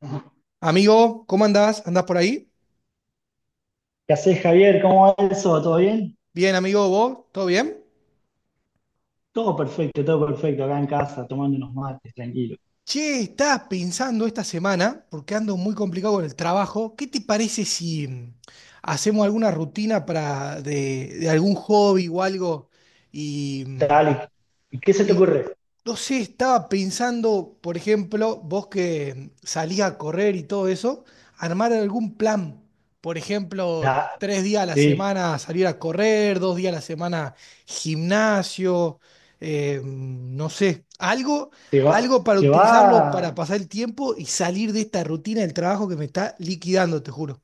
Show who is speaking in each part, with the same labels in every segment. Speaker 1: ¿Qué
Speaker 2: Amigo, ¿cómo andás? ¿Andás por ahí?
Speaker 1: haces, Javier? ¿Cómo va eso? ¿Todo bien?
Speaker 2: Bien, amigo, ¿vos? ¿Todo bien?
Speaker 1: Todo perfecto, acá en casa, tomando unos mates, tranquilo.
Speaker 2: Che, estaba pensando esta semana, porque ando muy complicado con el trabajo, ¿qué te parece si hacemos alguna rutina para de algún hobby o algo y, mm,
Speaker 1: Dale, ¿y qué se te
Speaker 2: Y
Speaker 1: ocurre?
Speaker 2: no sé, estaba pensando, por ejemplo, vos que salías a correr y todo eso, armar algún plan. Por ejemplo,
Speaker 1: Da,
Speaker 2: 3 días a la
Speaker 1: sí,
Speaker 2: semana salir a correr, 2 días a la semana gimnasio, no sé, algo,
Speaker 1: te va,
Speaker 2: algo para
Speaker 1: te va,
Speaker 2: utilizarlo para pasar el tiempo y salir de esta rutina del trabajo que me está liquidando, te juro.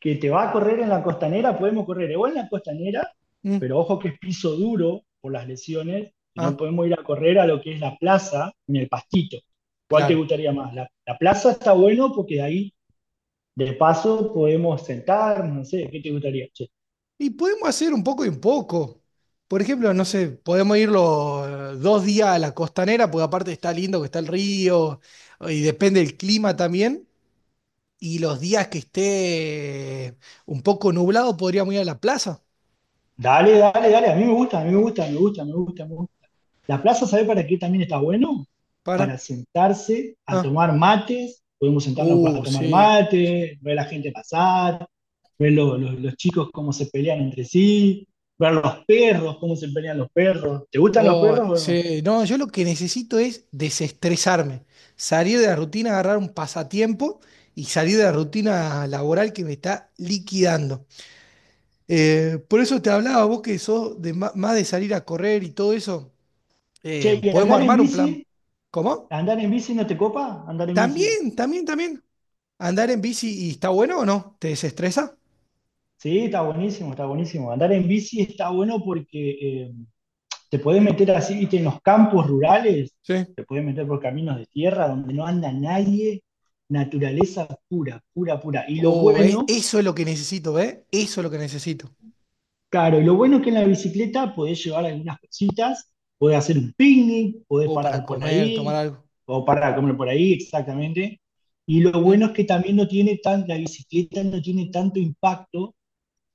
Speaker 1: que te va a correr en la costanera, podemos correr o en la costanera,
Speaker 2: Mm.
Speaker 1: pero ojo que es piso duro por las lesiones, y no
Speaker 2: Ah,
Speaker 1: podemos ir a correr a lo que es la plaza ni el pastito. ¿Cuál te
Speaker 2: claro.
Speaker 1: gustaría más? La plaza está bueno porque de ahí, de paso, podemos sentarnos, no sé, ¿qué te gustaría?
Speaker 2: Y podemos hacer un poco y un poco. Por ejemplo, no sé, podemos ir los dos días a la costanera, porque aparte está lindo que está el río, y depende del clima también. Y los días que esté un poco nublado, podríamos ir a la plaza.
Speaker 1: Dale, dale, dale, a mí me gusta, a mí me gusta, me gusta, me gusta, me gusta. La plaza, ¿sabés para qué también está bueno? Para
Speaker 2: Para.
Speaker 1: sentarse a
Speaker 2: Ah.
Speaker 1: tomar mates, podemos sentarnos para tomar
Speaker 2: Sí.
Speaker 1: mate, ver a la gente pasar, ver los chicos cómo se pelean entre sí, ver los perros, cómo se pelean los perros. ¿Te gustan los
Speaker 2: Oh,
Speaker 1: perros o no?
Speaker 2: sí. No, yo lo que necesito es desestresarme, salir de la rutina, agarrar un pasatiempo y salir de la rutina laboral que me está liquidando. Por eso te hablaba, vos que sos de más de salir a correr y todo eso,
Speaker 1: Che, y
Speaker 2: podemos armar un plan. ¿Cómo?
Speaker 1: andar en bici no te copa, andar en bici.
Speaker 2: También, también, también. ¿Andar en bici y está bueno o no? ¿Te desestresa?
Speaker 1: Sí, está buenísimo, está buenísimo. Andar en bici está bueno porque te podés
Speaker 2: Mm.
Speaker 1: meter así, viste, en los campos rurales,
Speaker 2: Sí.
Speaker 1: te podés meter por caminos de tierra donde no anda nadie, naturaleza pura, pura, pura. Y lo
Speaker 2: Oh,
Speaker 1: bueno,
Speaker 2: eso es lo que necesito, ¿eh? Eso es lo que necesito.
Speaker 1: claro, y lo bueno es que en la bicicleta podés llevar algunas cositas, podés hacer un picnic, podés
Speaker 2: O para
Speaker 1: parar por
Speaker 2: comer, tomar
Speaker 1: ahí,
Speaker 2: algo.
Speaker 1: o parar a comer por ahí, exactamente. Y lo bueno
Speaker 2: Mm.
Speaker 1: es que también no tiene tan, la bicicleta no tiene tanto impacto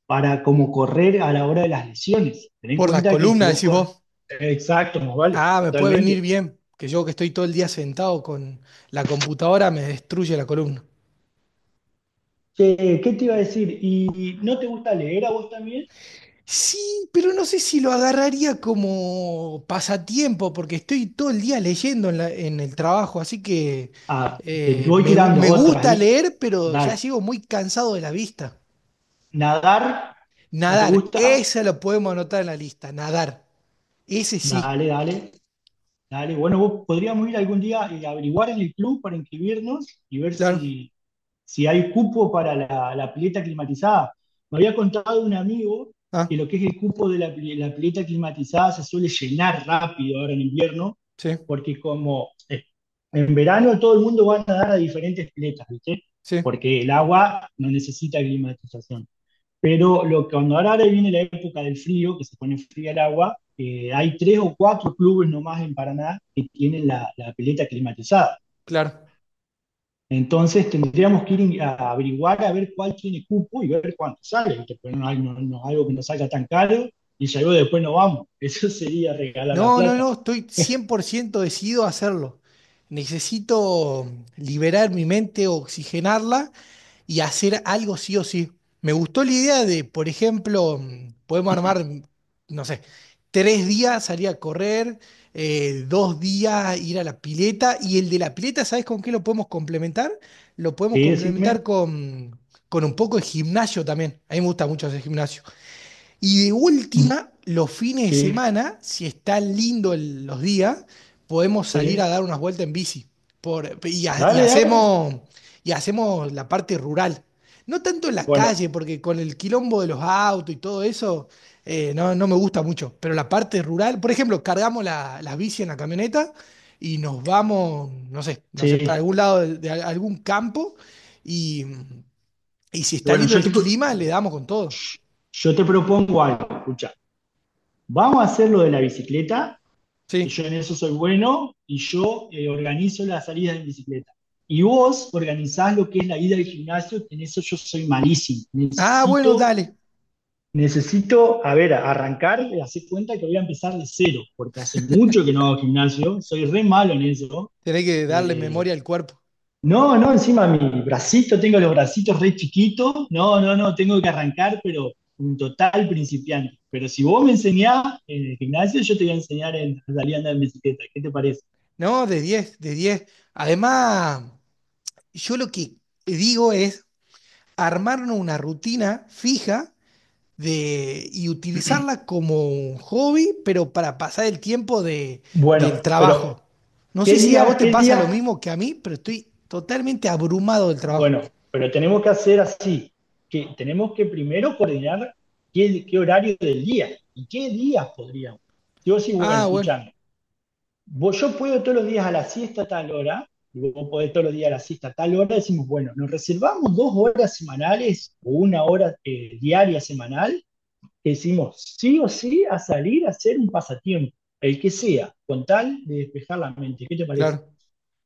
Speaker 1: para como correr a la hora de las lesiones. Ten en
Speaker 2: Por la
Speaker 1: cuenta que si
Speaker 2: columna,
Speaker 1: vos
Speaker 2: decís
Speaker 1: corres,
Speaker 2: vos.
Speaker 1: exacto, más vale,
Speaker 2: Ah, me puede venir
Speaker 1: totalmente.
Speaker 2: bien, que yo que estoy todo el día sentado con la computadora me destruye la columna.
Speaker 1: Che, ¿qué te iba a decir? ¿Y no te gusta leer a vos también?
Speaker 2: Sí, pero no sé si lo agarraría como pasatiempo, porque estoy todo el día leyendo en el trabajo, así que
Speaker 1: Ah, te
Speaker 2: eh,
Speaker 1: voy
Speaker 2: me, gu-
Speaker 1: tirando
Speaker 2: me
Speaker 1: otras
Speaker 2: gusta
Speaker 1: ahí.
Speaker 2: leer, pero ya
Speaker 1: Dale.
Speaker 2: llego muy cansado de la vista.
Speaker 1: ¿Nadar? ¿No te
Speaker 2: Nadar,
Speaker 1: gusta?
Speaker 2: esa lo podemos anotar en la lista, nadar. Ese sí,
Speaker 1: Dale, dale, dale. Bueno, vos podríamos ir algún día y averiguar en el club para inscribirnos y ver
Speaker 2: claro.
Speaker 1: si, si hay cupo para la pileta climatizada. Me había contado un amigo
Speaker 2: Ah,
Speaker 1: que lo que es el cupo de la pileta climatizada se suele llenar rápido ahora en invierno
Speaker 2: sí,
Speaker 1: porque como en verano todo el mundo va a nadar a diferentes piletas, ¿viste?
Speaker 2: sí,
Speaker 1: Porque el agua no necesita climatización. Pero lo que cuando ahora viene la época del frío, que se pone fría el agua, hay tres o cuatro clubes nomás en Paraná que tienen la pileta climatizada.
Speaker 2: claro.
Speaker 1: Entonces tendríamos que ir a averiguar a ver cuál tiene cupo y ver cuánto sale, ¿viste? Pero no, hay, no, no es algo que nos salga tan caro y ya luego después no vamos. Eso sería regalar la
Speaker 2: No, no,
Speaker 1: plata.
Speaker 2: no, estoy 100% decidido a hacerlo. Necesito liberar mi mente, oxigenarla y hacer algo sí o sí. Me gustó la idea de, por ejemplo, podemos armar, no sé, 3 días salir a correr, 2 días ir a la pileta y el de la pileta, ¿sabes con qué lo podemos complementar? Lo podemos
Speaker 1: Sí, decime.
Speaker 2: complementar con un poco de gimnasio también. A mí me gusta mucho hacer gimnasio. Y de última, los fines de
Speaker 1: Sí,
Speaker 2: semana, si está lindo los días, podemos salir a
Speaker 1: sí.
Speaker 2: dar unas vueltas en bici. Por, y, ha-
Speaker 1: Dale, dale.
Speaker 2: y hacemos la parte rural. No tanto en la
Speaker 1: Bueno,
Speaker 2: calle, porque con el quilombo de los autos y todo eso, no, no me gusta mucho. Pero la parte rural, por ejemplo, cargamos las bici en la camioneta y nos vamos, no sé, no sé, para
Speaker 1: sí.
Speaker 2: algún lado de algún campo. Y, y si está
Speaker 1: Bueno,
Speaker 2: lindo el clima, le damos con todo.
Speaker 1: yo te propongo algo, escucha. Vamos a hacer lo de la bicicleta, y
Speaker 2: Sí.
Speaker 1: yo en eso soy bueno, y yo organizo las salidas en bicicleta. Y vos organizás lo que es la ida al gimnasio, que en eso yo soy malísimo.
Speaker 2: Ah, bueno,
Speaker 1: Necesito,
Speaker 2: dale.
Speaker 1: necesito, a ver, arrancar, hacer cuenta que voy a empezar de cero, porque hace mucho que no hago gimnasio, soy re malo en eso.
Speaker 2: Tenés que darle
Speaker 1: eh,
Speaker 2: memoria al cuerpo.
Speaker 1: No, no, encima mi bracito, tengo los bracitos re chiquitos. No, no, no, tengo que arrancar, pero un total principiante. Pero si vos me enseñás en el gimnasio, yo te voy a enseñar en a salir a andar en bicicleta. ¿Qué te parece?
Speaker 2: No, de 10, de 10. Además, yo lo que digo es armarnos una rutina fija de, y utilizarla como un hobby, pero para pasar el tiempo del
Speaker 1: Bueno, pero
Speaker 2: trabajo. No
Speaker 1: ¿qué
Speaker 2: sé si a vos
Speaker 1: día?
Speaker 2: te
Speaker 1: ¿Qué
Speaker 2: pasa lo
Speaker 1: día?
Speaker 2: mismo que a mí, pero estoy totalmente abrumado del trabajo.
Speaker 1: Bueno, pero tenemos que hacer así, que tenemos que primero coordinar qué horario del día y qué días podríamos. Si vos decís, bueno,
Speaker 2: Ah, bueno,
Speaker 1: escuchame, vos, yo puedo todos los días a la siesta a tal hora, y vos podés todos los días a la siesta a tal hora, decimos, bueno, nos reservamos dos horas semanales o una hora diaria semanal, que decimos sí o sí a salir a hacer un pasatiempo, el que sea, con tal de despejar la mente. ¿Qué te parece?
Speaker 2: claro.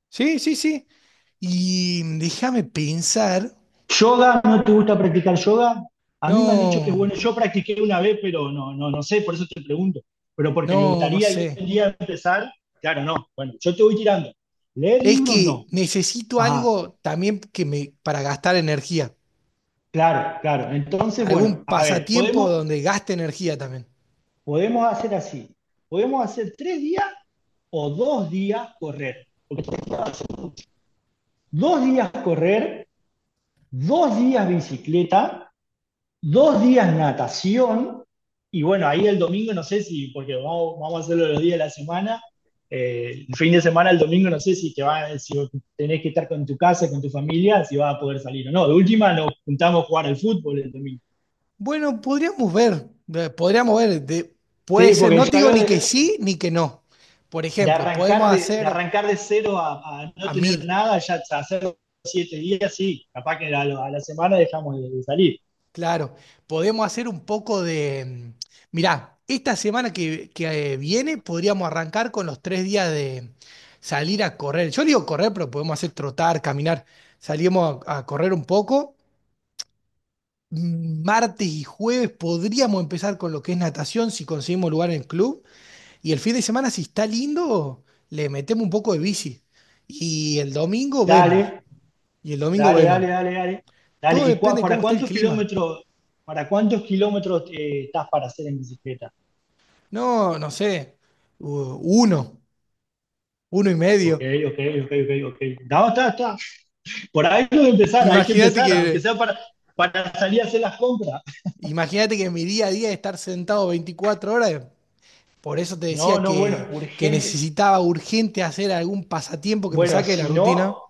Speaker 2: Sí, sí, sí. Y déjame pensar.
Speaker 1: ¿Yoga? ¿No te gusta practicar yoga? A mí me han dicho que es
Speaker 2: No,
Speaker 1: bueno, yo practiqué una vez, pero no, no, no sé, por eso te pregunto. Pero porque me
Speaker 2: no, no
Speaker 1: gustaría
Speaker 2: sé.
Speaker 1: algún día empezar, claro, no. Bueno, yo te voy tirando. Leer
Speaker 2: Es
Speaker 1: libros
Speaker 2: que
Speaker 1: no.
Speaker 2: necesito
Speaker 1: Ajá,
Speaker 2: algo también que me, para gastar energía.
Speaker 1: claro, claro. Entonces, bueno,
Speaker 2: Algún
Speaker 1: a ver,
Speaker 2: pasatiempo
Speaker 1: podemos,
Speaker 2: donde gaste energía también.
Speaker 1: podemos hacer así. Podemos hacer tres días o dos días correr. Porque tres días va a ser mucho. Dos días correr, dos días bicicleta, dos días natación. Y bueno, ahí el domingo no sé si, porque vamos a hacerlo los días de la semana. El fin de semana, el domingo, no sé si, te va, si tenés que estar con tu casa, con tu familia, si vas a poder salir o no. De última, nos juntamos a jugar al fútbol el domingo.
Speaker 2: Bueno, podríamos ver, puede
Speaker 1: Sí,
Speaker 2: ser,
Speaker 1: porque
Speaker 2: no te
Speaker 1: ya
Speaker 2: digo
Speaker 1: veo,
Speaker 2: ni que sí ni que no. Por
Speaker 1: de
Speaker 2: ejemplo,
Speaker 1: arrancar
Speaker 2: podemos hacer
Speaker 1: arrancar de cero no
Speaker 2: a mil,
Speaker 1: tener nada, ya a hacer siete días, sí, capaz que a la semana dejamos salir.
Speaker 2: claro, podemos hacer un poco mirá, esta semana que viene podríamos arrancar con los 3 días de salir a correr. Yo digo correr, pero podemos hacer trotar, caminar, salimos a correr un poco martes y jueves podríamos empezar con lo que es natación si conseguimos lugar en el club. Y el fin de semana, si está lindo, le metemos un poco de bici. Y el domingo vemos.
Speaker 1: Dale,
Speaker 2: Y el domingo
Speaker 1: dale,
Speaker 2: vemos.
Speaker 1: dale, dale, dale, dale.
Speaker 2: Todo
Speaker 1: ¿Y
Speaker 2: depende de
Speaker 1: para
Speaker 2: cómo esté el
Speaker 1: cuántos
Speaker 2: clima.
Speaker 1: kilómetros, estás para hacer en bicicleta?
Speaker 2: No, no sé. Uno, uno y
Speaker 1: Ok,
Speaker 2: medio.
Speaker 1: ok, ok, ok, ok. No, está, está. Por ahí hay que
Speaker 2: Imagínate
Speaker 1: empezar, aunque
Speaker 2: que,
Speaker 1: sea para, salir a hacer las compras.
Speaker 2: imagínate que mi día a día es estar sentado 24 horas. Por eso te
Speaker 1: No,
Speaker 2: decía
Speaker 1: no, bueno,
Speaker 2: que
Speaker 1: urgente.
Speaker 2: necesitaba urgente hacer algún pasatiempo que me
Speaker 1: Bueno,
Speaker 2: saque de la
Speaker 1: si no,
Speaker 2: rutina.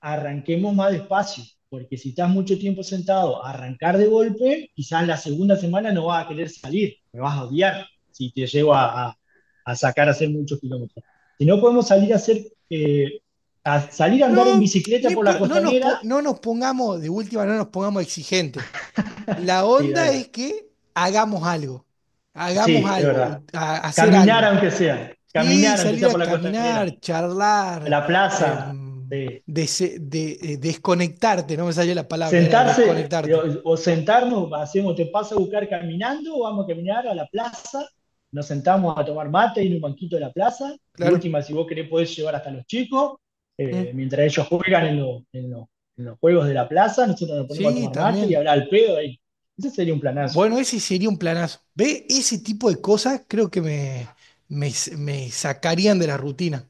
Speaker 1: arranquemos más despacio, porque si estás mucho tiempo sentado, arrancar de golpe, quizás la segunda semana no vas a querer salir, me vas a odiar si te llevo a sacar a hacer muchos kilómetros. Si no podemos salir a hacer, eh, a salir a andar en
Speaker 2: No,
Speaker 1: bicicleta
Speaker 2: ni
Speaker 1: por la
Speaker 2: por- no nos, po-
Speaker 1: costanera,
Speaker 2: no nos pongamos, de última, no nos pongamos exigentes. La
Speaker 1: sí,
Speaker 2: onda
Speaker 1: dale,
Speaker 2: es que hagamos algo, hagamos
Speaker 1: sí, es
Speaker 2: algo,
Speaker 1: verdad.
Speaker 2: hacer algo. Sí,
Speaker 1: Caminar aunque
Speaker 2: salir
Speaker 1: sea por
Speaker 2: a
Speaker 1: la costanera,
Speaker 2: caminar,
Speaker 1: a
Speaker 2: charlar,
Speaker 1: la plaza,
Speaker 2: em,
Speaker 1: sí.
Speaker 2: desconectarte, no me salió la palabra, era
Speaker 1: Sentarse
Speaker 2: desconectarte.
Speaker 1: o sentarnos, hacemos, te paso a buscar caminando, o vamos a caminar a la plaza, nos sentamos a tomar mate en un banquito de la plaza. De
Speaker 2: Claro.
Speaker 1: última, si vos querés, podés llevar hasta los chicos,
Speaker 2: Mm.
Speaker 1: mientras ellos juegan en los juegos de la plaza, nosotros nos ponemos a
Speaker 2: Sí,
Speaker 1: tomar mate y
Speaker 2: también.
Speaker 1: hablar al pedo ahí. Ese sería un planazo.
Speaker 2: Bueno, ese sería un planazo. ¿Ve? Ese tipo de cosas creo que me, me sacarían de la rutina.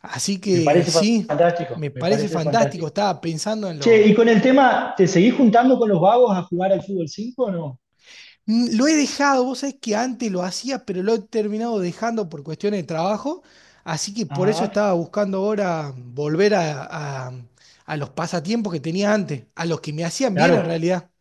Speaker 2: Así
Speaker 1: Me
Speaker 2: que
Speaker 1: parece
Speaker 2: sí,
Speaker 1: fantástico,
Speaker 2: me
Speaker 1: me
Speaker 2: parece
Speaker 1: parece
Speaker 2: fantástico.
Speaker 1: fantástico.
Speaker 2: Estaba pensando en
Speaker 1: Che,
Speaker 2: lo.
Speaker 1: y con el tema, ¿te seguís juntando con los vagos a jugar al fútbol 5 o no?
Speaker 2: Lo he dejado, vos sabés que antes lo hacía, pero lo he terminado dejando por cuestiones de trabajo. Así que por eso
Speaker 1: Ajá,
Speaker 2: estaba buscando ahora volver a los pasatiempos que tenía antes, a los que me hacían bien en
Speaker 1: claro,
Speaker 2: realidad.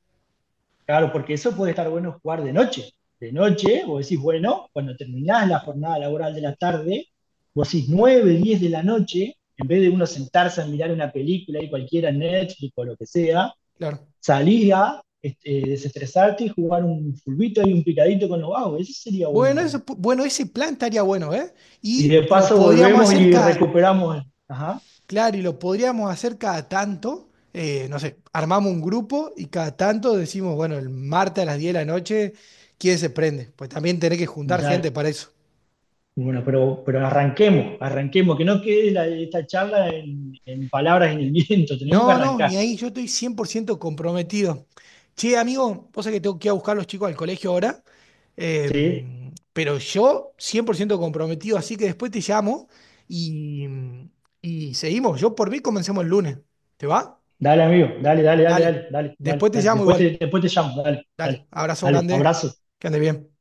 Speaker 1: claro, porque eso puede estar bueno jugar de noche. De noche, vos decís, bueno, cuando terminás la jornada laboral de la tarde, vos decís 9, 10 de la noche, en vez de uno sentarse a mirar una película y cualquiera, Netflix o lo que sea,
Speaker 2: Claro.
Speaker 1: salís a desestresarte y jugar un fulbito y un picadito con los vagos. Eso sería bueno
Speaker 2: Bueno,
Speaker 1: también.
Speaker 2: eso, pu- bueno, ese plan estaría bueno, ¿eh?
Speaker 1: Y de
Speaker 2: Y lo
Speaker 1: paso
Speaker 2: podríamos
Speaker 1: volvemos
Speaker 2: hacer
Speaker 1: y
Speaker 2: cada.
Speaker 1: recuperamos. Ajá,
Speaker 2: Claro, y lo podríamos hacer cada tanto. No sé, armamos un grupo y cada tanto decimos, bueno, el martes a las 10 de la noche, ¿quién se prende? Pues también tenés que juntar
Speaker 1: dale.
Speaker 2: gente para eso.
Speaker 1: Bueno, pero arranquemos, arranquemos, que no quede esta charla en, palabras en el viento, tenemos que
Speaker 2: No, no,
Speaker 1: arrancar.
Speaker 2: ni ahí yo estoy 100% comprometido. Che, amigo, vos sabés que tengo que ir a buscar a los chicos al colegio ahora,
Speaker 1: ¿Sí?
Speaker 2: pero yo 100% comprometido, así que después te llamo y, y seguimos. Yo por mí comencemos el lunes. ¿Te va?
Speaker 1: Dale, amigo, dale, dale, dale,
Speaker 2: Dale.
Speaker 1: dale, dale, dale,
Speaker 2: Después te
Speaker 1: dale.
Speaker 2: llamo igual.
Speaker 1: Después te llamo, dale, dale,
Speaker 2: Dale, abrazo
Speaker 1: dale.
Speaker 2: grande,
Speaker 1: Abrazo.
Speaker 2: que ande bien.